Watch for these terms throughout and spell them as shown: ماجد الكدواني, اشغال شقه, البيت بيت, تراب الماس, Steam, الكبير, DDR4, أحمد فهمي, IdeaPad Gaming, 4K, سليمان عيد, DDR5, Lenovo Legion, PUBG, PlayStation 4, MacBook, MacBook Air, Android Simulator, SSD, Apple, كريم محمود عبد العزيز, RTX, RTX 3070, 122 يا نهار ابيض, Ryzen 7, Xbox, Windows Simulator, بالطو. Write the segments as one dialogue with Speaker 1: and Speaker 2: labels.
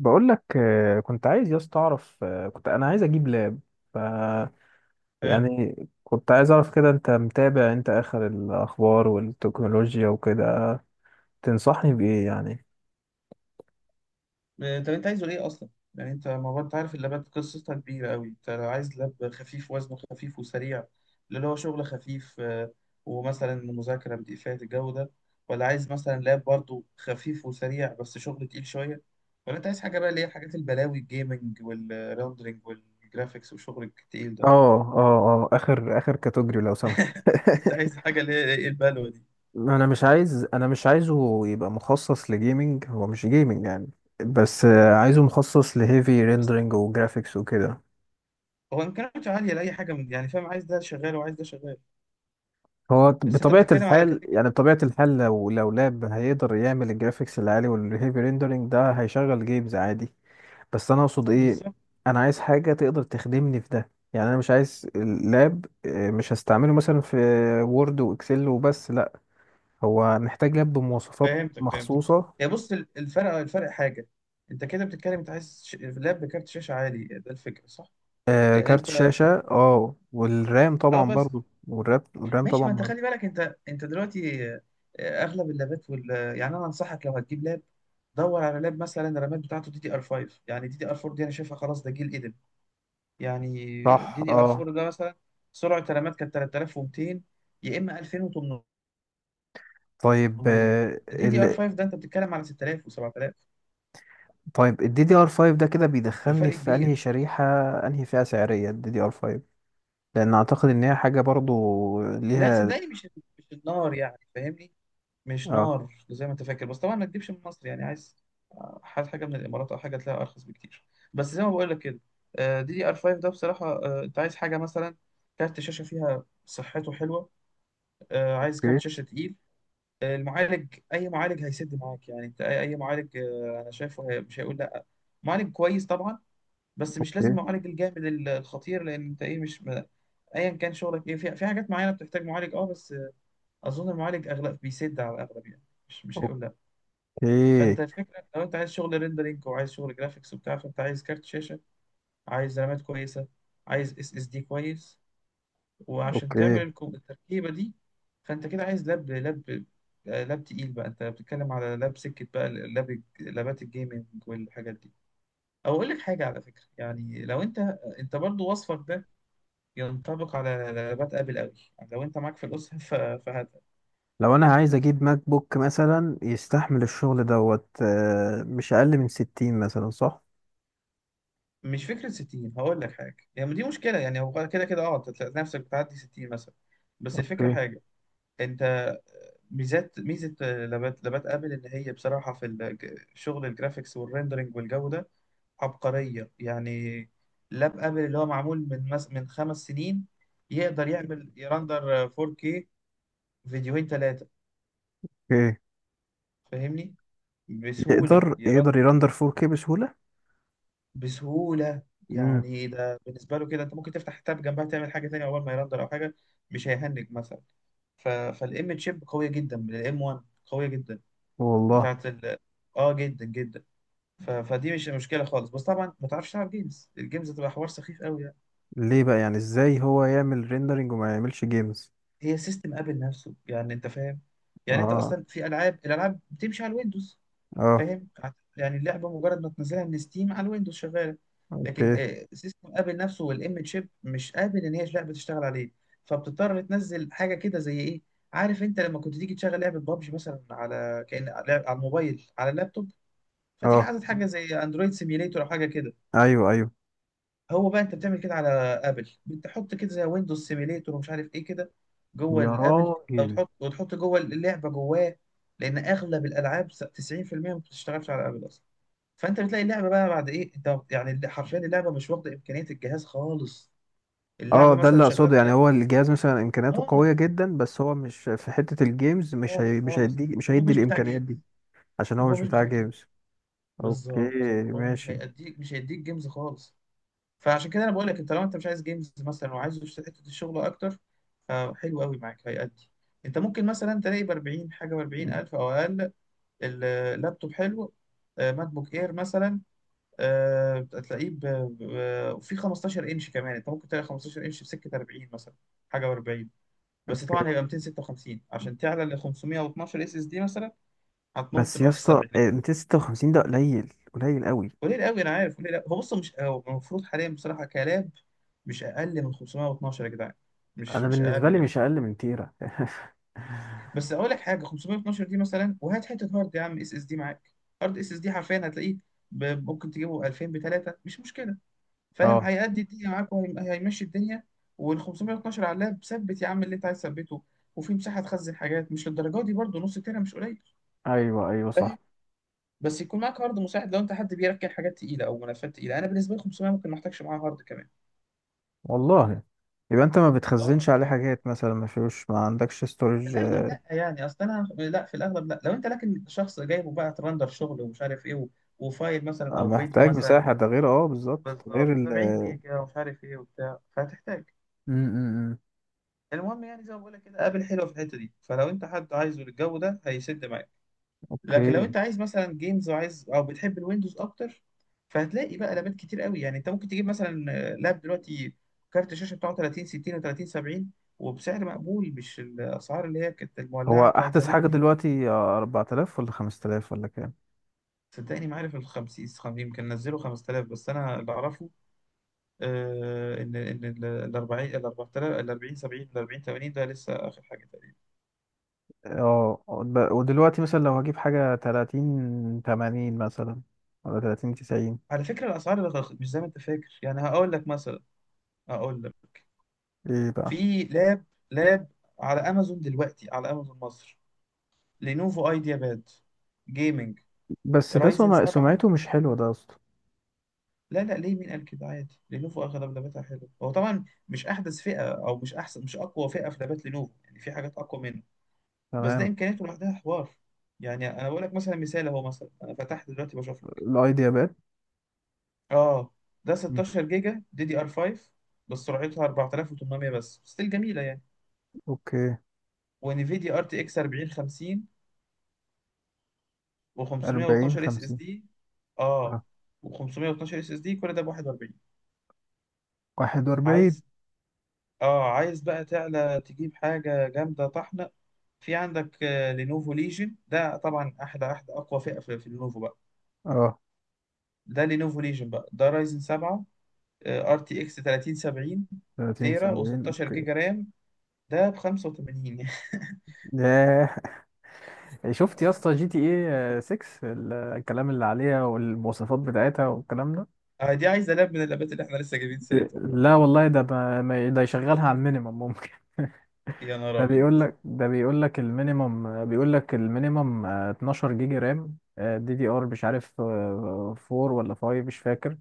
Speaker 1: بقول لك، كنت عايز يا اسطى اعرف، كنت انا عايز اجيب لاب. ف،
Speaker 2: حلو.
Speaker 1: يعني، كنت عايز اعرف كده، انت متابع انت اخر الاخبار والتكنولوجيا وكده؟ تنصحني بايه يعني؟
Speaker 2: طب انت عايزه ايه اصلا؟ يعني انت ما هو انت عارف اللابات قصتها كبيره قوي. انت لو عايز لاب خفيف وزنه خفيف وسريع، اللي هو شغل خفيف، ومثلا مذاكره بدقيقات الجو ده، ولا عايز مثلا لاب برضه خفيف وسريع بس شغل تقيل شويه، ولا انت عايز حاجه بقى اللي هي حاجات البلاوي الجيمنج والريندرنج والجرافيكس والشغل التقيل
Speaker 1: اه،
Speaker 2: ده؟
Speaker 1: اه، اه، اخر اخر كاتوجري لو سمحت.
Speaker 2: انت عايز حاجه اللي هي ايه البلوه دي؟
Speaker 1: انا مش عايزه يبقى مخصص لجيمنج، هو مش جيمنج يعني، بس عايزه مخصص لهيفي
Speaker 2: بس
Speaker 1: ريندرنج وجرافيكس وكده.
Speaker 2: هو امكانياته عاليه لاي حاجه، من يعني فاهم عايز ده شغال وعايز ده شغال.
Speaker 1: هو
Speaker 2: بس انت
Speaker 1: بطبيعة
Speaker 2: بتتكلم على
Speaker 1: الحال
Speaker 2: كاتيجوري.
Speaker 1: يعني بطبيعة الحال لو لاب هيقدر يعمل الجرافيكس العالي والهيفي ريندرنج ده، هيشغل جيمز عادي. بس أنا أقصد إيه،
Speaker 2: بالظبط.
Speaker 1: أنا عايز حاجة تقدر تخدمني في ده. يعني أنا مش عايز اللاب، مش هستعمله مثلا في وورد وإكسل وبس، لأ. هو محتاج لاب بمواصفات
Speaker 2: فهمتك فهمتك.
Speaker 1: مخصوصة،
Speaker 2: يا بص، الفرق حاجه. انت كده بتتكلم، انت عايز لاب بكارت شاشه عالي، ده الفكره، صح؟ لان
Speaker 1: كارت
Speaker 2: انت
Speaker 1: شاشة. اه، والرام
Speaker 2: اه
Speaker 1: طبعا
Speaker 2: بس،
Speaker 1: برضو، والرام
Speaker 2: ماشي.
Speaker 1: طبعا
Speaker 2: ما انت
Speaker 1: مهم.
Speaker 2: خلي بالك، انت دلوقتي، اغلب اللابات يعني انا انصحك لو هتجيب لاب، دور على لاب مثلا الرامات بتاعته دي دي ار 5، يعني دي دي ار 4 دي انا شايفها خلاص ده جيل قديم يعني.
Speaker 1: صح.
Speaker 2: دي دي ار
Speaker 1: اه،
Speaker 2: 4 ده مثلا سرعه الرامات كانت 3200 يا اما 2800.
Speaker 1: طيب.
Speaker 2: دي دي ار 5 ده انت بتتكلم على 6000 و7000،
Speaker 1: طيب، ال DDR5 ده كده بيدخلني
Speaker 2: فالفرق
Speaker 1: في انهي
Speaker 2: كبير.
Speaker 1: شريحة؟ انهي فئة سعرية ال DDR5؟ لان اعتقد ان هي حاجة برضو
Speaker 2: لا
Speaker 1: ليها.
Speaker 2: صدقني، مش النار يعني، فاهمني؟ مش
Speaker 1: اه،
Speaker 2: نار زي ما انت فاكر، بس طبعا ما تجيبش من مصر يعني. عايز حاجة من الامارات او حاجة تلاقيها ارخص بكتير. بس زي ما بقول لك كده، دي دي ار 5 ده بصراحة، انت عايز حاجة مثلا كارت شاشة فيها صحته حلوة، عايز كارت
Speaker 1: اوكي،
Speaker 2: شاشة تقيل، المعالج اي معالج هيسد معاك يعني. انت أي معالج، انا شايفه مش هيقول لا. معالج كويس طبعا، بس مش لازم
Speaker 1: اوكي،
Speaker 2: معالج الجامد الخطير. لان انت ايه، مش ايا كان شغلك ايه. في حاجات معينة بتحتاج معالج اه، بس اظن المعالج اغلب بيسد، على الاغلب يعني، مش هيقول لا.
Speaker 1: اوكي،
Speaker 2: فانت الفكره، لو انت عايز شغل ريندرينج وعايز شغل جرافيكس وبتاع، فانت عايز كارت شاشه، عايز رامات كويسه، عايز اس اس دي كويس، وعشان
Speaker 1: اوكي.
Speaker 2: تعمل التركيبه دي. فانت كده عايز لاب، لاب تقيل بقى، انت بتتكلم على لاب سكه بقى، لابات الجيمنج والحاجات دي. او اقول لك حاجه على فكره، يعني لو انت برضو، وصفك ده ينطبق على لابات ابل قوي، يعني لو انت معاك في الاسره.
Speaker 1: لو انا عايز اجيب ماك بوك مثلا يستحمل الشغل دوت، مش اقل من 60 مثلا، صح؟
Speaker 2: مش فكرة 60، هقول لك حاجة يعني، دي مشكلة يعني. هو كده كده اه أنت تلاقي نفسك بتعدي 60 مثلا. بس الفكرة
Speaker 1: اوكي،
Speaker 2: حاجة، انت ميزة لابات ابل، ان هي بصراحة في شغل الجرافيكس والريندرنج والجو ده عبقرية يعني. لاب ابل اللي هو معمول من من خمس سنين يقدر يعمل يرندر 4K فيديوهين ثلاثة،
Speaker 1: اوكي.
Speaker 2: فاهمني، بسهولة.
Speaker 1: يقدر يرندر 4K بسهولة.
Speaker 2: بسهولة
Speaker 1: امم
Speaker 2: يعني، ده بالنسبة له كده انت ممكن تفتح تاب جنبها تعمل حاجة تانية اول ما يرندر او حاجة، مش هيهنج مثلا. فالام تشيب قوية جدا، من الام 1 قوية جدا
Speaker 1: والله.
Speaker 2: بتاعت ال اه جدا جدا. فدي مش مشكلة خالص، بس طبعا ما تعرفش تلعب جيمز، الجيمز هتبقى حوار سخيف قوي يعني.
Speaker 1: ليه بقى يعني؟ ازاي هو يعمل ريندرنج وما يعملش جيمز؟
Speaker 2: هي سيستم ابل نفسه يعني، انت فاهم؟ يعني انت
Speaker 1: اه.
Speaker 2: اصلا في الالعاب بتمشي على الويندوز،
Speaker 1: اه.
Speaker 2: فاهم؟ يعني اللعبه مجرد ما تنزلها من ستيم على الويندوز شغاله. لكن
Speaker 1: اوكي.
Speaker 2: سيستم ابل نفسه والام شيب مش قابل ان هي اللعبه تشتغل عليه، فبتضطر تنزل حاجه كده زي ايه؟ عارف انت لما كنت تيجي تشغل لعبه بابجي مثلا، على كأن على الموبايل على اللابتوب، فتيجي
Speaker 1: اه،
Speaker 2: عايز حاجه زي اندرويد سيميليتور او حاجه كده؟
Speaker 1: ايوه، ايوه.
Speaker 2: هو بقى انت بتعمل كده على ابل، بتحط كده زي ويندوز سيميليتور ومش عارف ايه كده جوه
Speaker 1: يا
Speaker 2: الابل، او
Speaker 1: راجل.
Speaker 2: تحط جوه اللعبه جواه، لان اغلب الالعاب 90% ما بتشتغلش على ابل اصلا. فانت بتلاقي اللعبه بقى بعد ايه، انت يعني حرفيا اللعبه مش واخده امكانيه الجهاز خالص،
Speaker 1: اه،
Speaker 2: اللعبه
Speaker 1: ده
Speaker 2: مثلا
Speaker 1: اللي
Speaker 2: شغاله
Speaker 1: اقصده يعني، هو
Speaker 2: 30.
Speaker 1: الجهاز مثلا امكانياته
Speaker 2: اه،
Speaker 1: قويه جدا بس هو مش في حته الجيمز،
Speaker 2: خالص
Speaker 1: مش
Speaker 2: خالص.
Speaker 1: هيدي مش
Speaker 2: هو
Speaker 1: هيدي
Speaker 2: مش بتاع
Speaker 1: الامكانيات
Speaker 2: جيمز.
Speaker 1: دي. عشان هو
Speaker 2: هو
Speaker 1: مش
Speaker 2: مش
Speaker 1: بتاع
Speaker 2: بتاع جيمز.
Speaker 1: جيمز. اوكي،
Speaker 2: بالظبط، هو مش
Speaker 1: ماشي.
Speaker 2: مش هيديك جيمز خالص. فعشان كده انا بقول لك انت لو انت مش عايز جيمز مثلا وعايز حته الشغل اكتر، فحلو قوي معاك، هيأدي. انت ممكن مثلا تلاقي ب 40 حاجه، ب 40 الف او اقل، اللابتوب حلو. ماك بوك اير مثلا، هتلاقيه في 15 انش كمان، انت ممكن تلاقي 15 انش بسكه 40 مثلا، حاجه و40. بس
Speaker 1: اوكي
Speaker 2: طبعا هيبقى 256، عشان تعلى ل 512 اس اس دي مثلا هتنط
Speaker 1: بس يا
Speaker 2: بقى في
Speaker 1: اسطى،
Speaker 2: السبعينات.
Speaker 1: 256 ده قليل قليل قوي.
Speaker 2: قليل قوي انا عارف، قليل قوي. هو بص، مش هو المفروض حاليا بصراحه كلاب مش اقل من 512 يا جدعان، مش
Speaker 1: انا
Speaker 2: مش
Speaker 1: بالنسبه
Speaker 2: اقل
Speaker 1: لي
Speaker 2: يعني.
Speaker 1: مش اقل من تيرا.
Speaker 2: بس اقول لك حاجه، 512 دي مثلا وهات حته هارد يا عم اس اس دي معاك. هارد اس اس دي حرفيا هتلاقيه، ممكن تجيبه 2000 ب 3، مش مشكله، فاهم؟
Speaker 1: اه،
Speaker 2: هيأدي الدنيا معاك وهيمشي الدنيا. وال 512 على اللاب ثبت يا عم اللي انت عايز تثبته، وفي مساحه تخزن حاجات، مش للدرجه دي برضه، نص تيرا مش قليل،
Speaker 1: ايوه، ايوه، صح.
Speaker 2: فاهم؟ بس يكون معاك هارد مساعد لو انت حد بيركن حاجات تقيله او ملفات تقيله. انا بالنسبه لي 500 ممكن ما احتاجش معاها هارد كمان.
Speaker 1: والله. يبقى انت ما
Speaker 2: اه
Speaker 1: بتخزنش عليه
Speaker 2: اه،
Speaker 1: حاجات مثلا؟ ما فيهوش، ما عندكش
Speaker 2: في
Speaker 1: ستورج؟
Speaker 2: الاغلب لا يعني، اصل انا لا، في الاغلب لا. لو انت لكن شخص جايبه بقى ترندر شغل ومش عارف ايه وفايل مثلا او فيديو
Speaker 1: محتاج
Speaker 2: مثلا،
Speaker 1: مساحه، ده غير، اه، بالظبط، ده غير
Speaker 2: بالظبط
Speaker 1: ال
Speaker 2: 70 جيجا ومش عارف ايه وبتاع، فهتحتاج.
Speaker 1: أمم، أمم.
Speaker 2: المهم يعني، زي ما بقول لك كده، ابل حلوه في الحته دي، فلو انت حد عايزه للجو ده، هيسد معاك. لكن لو
Speaker 1: اوكي.
Speaker 2: انت عايز مثلا جيمز، وعايز او بتحب الويندوز اكتر، فهتلاقي بقى لابات كتير قوي يعني. انت ممكن تجيب مثلا، لاب دلوقتي كارت الشاشه بتاعه 30 60 و30 70، وبسعر مقبول، مش الاسعار اللي هي كانت
Speaker 1: هو
Speaker 2: المولعه بتاعت
Speaker 1: احدث
Speaker 2: زمان
Speaker 1: حاجه
Speaker 2: دي.
Speaker 1: دلوقتي 4000 ولا 5000 ولا كام؟
Speaker 2: صدقني ما عارف ال 50 يمكن نزلوا 5000، بس انا اللي اعرفه ان ال 40، ال 4000، ال 40 70، ال 40 80 ده لسه اخر حاجه.
Speaker 1: اه، ودلوقتي مثلا لو هجيب حاجه 30 80 مثلا ولا 30 90؟
Speaker 2: على فكرة الأسعار مش زي ما أنت فاكر يعني، هقول لك مثلا، هقول لك،
Speaker 1: ايه بقى؟
Speaker 2: في لاب على أمازون دلوقتي، على أمازون مصر، لينوفو أيديا باد جيمنج،
Speaker 1: بس ده
Speaker 2: رايزن 7.
Speaker 1: سمعته مش حلوه ده اصلا.
Speaker 2: لا لا، ليه؟ مين قال كده؟ عادي لينوفو أغلب لاباتها حلوة. هو طبعا مش أحدث فئة، أو مش أقوى فئة في لابات لينوفو، يعني في حاجات أقوى منه، بس ده
Speaker 1: تمام.
Speaker 2: إمكانياته لوحدها حوار. يعني أنا بقول لك مثلا، مثال أهو، مثلا أنا فتحت دلوقتي بشوف لك.
Speaker 1: الاي دي باد.
Speaker 2: أه، ده
Speaker 1: مم.
Speaker 2: 16 جيجا دي دي ار 5، بس سرعتها 4800، بس ستيل جميلة يعني،
Speaker 1: اوكي.
Speaker 2: ونفيديا ار تي اكس 4050،
Speaker 1: 40
Speaker 2: و512 اس اس
Speaker 1: 50.
Speaker 2: دي. اه،
Speaker 1: اه.
Speaker 2: و512 اس اس دي، كل ده ب 41.
Speaker 1: 41.
Speaker 2: عايز اه عايز بقى تعلى تجيب حاجه جامده طحنه، في عندك لينوفو ليجن، ده طبعا احلى اقوى فئه في لينوفو بقى.
Speaker 1: اه.
Speaker 2: ده لينوفو ليجن بقى، ده رايزن 7، ار تي اكس 3070،
Speaker 1: 30
Speaker 2: تيرا
Speaker 1: 70.
Speaker 2: و16
Speaker 1: اوكي.
Speaker 2: جيجا رام، ده ب 85.
Speaker 1: ياه. شفت يا اسطى جي تي ايه 6؟ الكلام اللي عليها والمواصفات بتاعتها والكلام ده.
Speaker 2: دي عايزه لاب من اللابات اللي احنا لسه جايبين سيرتهم بقى.
Speaker 1: لا والله، ده يشغلها على المينيمم ممكن.
Speaker 2: يا نهار ابيض.
Speaker 1: ده بيقول لك المينيمم، بيقول لك المينيمم، 12 جيجا رام، دي دي ار مش عارف، 4 ولا 5 مش فاكر.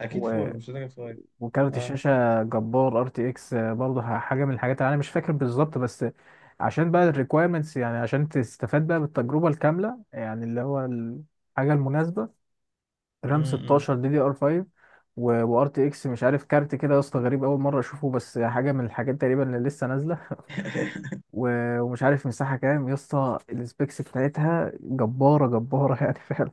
Speaker 2: اكيد
Speaker 1: و...
Speaker 2: فور، مش هتبقى صغير.
Speaker 1: وكارت الشاشة جبار، ار تي اكس، برضه حاجة من الحاجات اللي انا مش فاكر بالظبط، بس عشان بقى الريكويرمنتس يعني، عشان تستفاد بقى بالتجربة الكاملة يعني، اللي هو الحاجة المناسبة. رام
Speaker 2: امم
Speaker 1: 16، دي دي ار 5، وار تي اكس مش عارف كارت كده يا اسطى، غريب، اول مره اشوفه، بس حاجه من الحاجات تقريبا اللي لسه نازله. ومش عارف مساحه كام يا اسطى، السبيكس بتاعتها جباره جباره يعني. فعلا.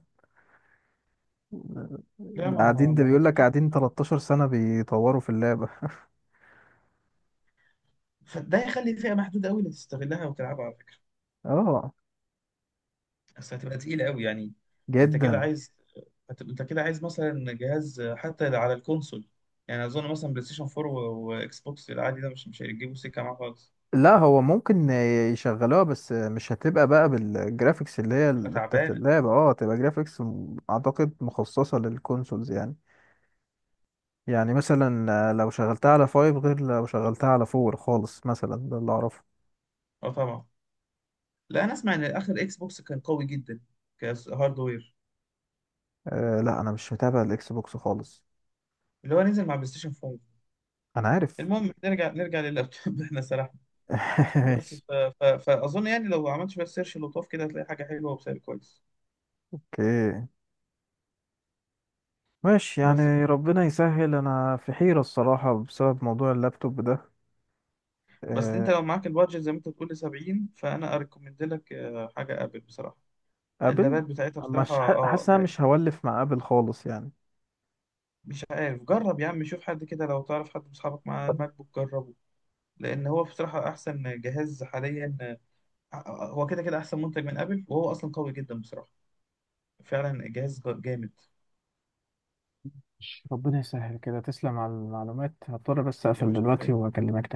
Speaker 2: لا، ما
Speaker 1: قاعدين، ده
Speaker 2: ما هو
Speaker 1: بيقول لك قاعدين 13 سنه بيطوروا في اللعبه.
Speaker 2: فده يخلي فئة محدودة قوي اللي تستغلها وتلعبها، على فكرة،
Speaker 1: اه،
Speaker 2: بس هتبقى تقيلة قوي يعني. انت كده
Speaker 1: جدا.
Speaker 2: عايز، انت كده عايز مثلا جهاز حتى على الكونسول، يعني اظن مثلا بلاي ستيشن 4 واكس بوكس العادي ده مش هيجيبوا سكة معاه خالص،
Speaker 1: لا، هو ممكن يشغلوها بس مش هتبقى بقى بالجرافيكس اللي هي
Speaker 2: تبقى
Speaker 1: بتاعت
Speaker 2: تعبانة.
Speaker 1: اللعبة، اه هتبقى جرافيكس اعتقد مخصصة للكونسولز يعني. يعني مثلا لو شغلتها على فايف غير لو شغلتها على فور خالص مثلا، ده اللي اعرفه.
Speaker 2: اه طبعا. لا انا اسمع ان اخر اكس بوكس كان قوي جدا كهاردوير،
Speaker 1: أه، لا انا مش متابع الاكس بوكس خالص.
Speaker 2: اللي هو نزل مع بلاي ستيشن 5.
Speaker 1: انا عارف.
Speaker 2: المهم، نرجع لللابتوب، احنا سرحنا. بس
Speaker 1: ماشي.
Speaker 2: فاظن يعني لو عملت شوية سيرش لطاف كده، هتلاقي حاجة حلوة وبسعر كويس.
Speaker 1: اوكي، ماشي
Speaker 2: بس
Speaker 1: يعني، ربنا يسهل، انا في حيرة الصراحة بسبب موضوع اللابتوب ده.
Speaker 2: بس انت
Speaker 1: أه.
Speaker 2: لو معاك البادجت زي ما انت بتقول 70، فانا اريكومند لك حاجه ابل بصراحه،
Speaker 1: ابل؟
Speaker 2: اللابات بتاعتها بصراحه
Speaker 1: مش
Speaker 2: اه
Speaker 1: حاسس إن انا
Speaker 2: يعني،
Speaker 1: مش هولف مع ابل خالص يعني.
Speaker 2: مش عارف، جرب يا عم، شوف حد كده لو تعرف حد من اصحابك مع الماك بوك، جربه، لان هو بصراحه احسن جهاز حاليا. هو كده كده احسن منتج من ابل، وهو اصلا قوي جدا بصراحه، فعلا جهاز جامد.
Speaker 1: ماشي، ربنا يسهل كده. تسلم على المعلومات، هضطر بس
Speaker 2: يا
Speaker 1: اقفل
Speaker 2: باشا،
Speaker 1: دلوقتي واكلمك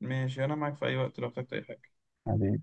Speaker 2: ماشي، انا معاك في اي وقت لو احتجت اي حاجه.
Speaker 1: تاني.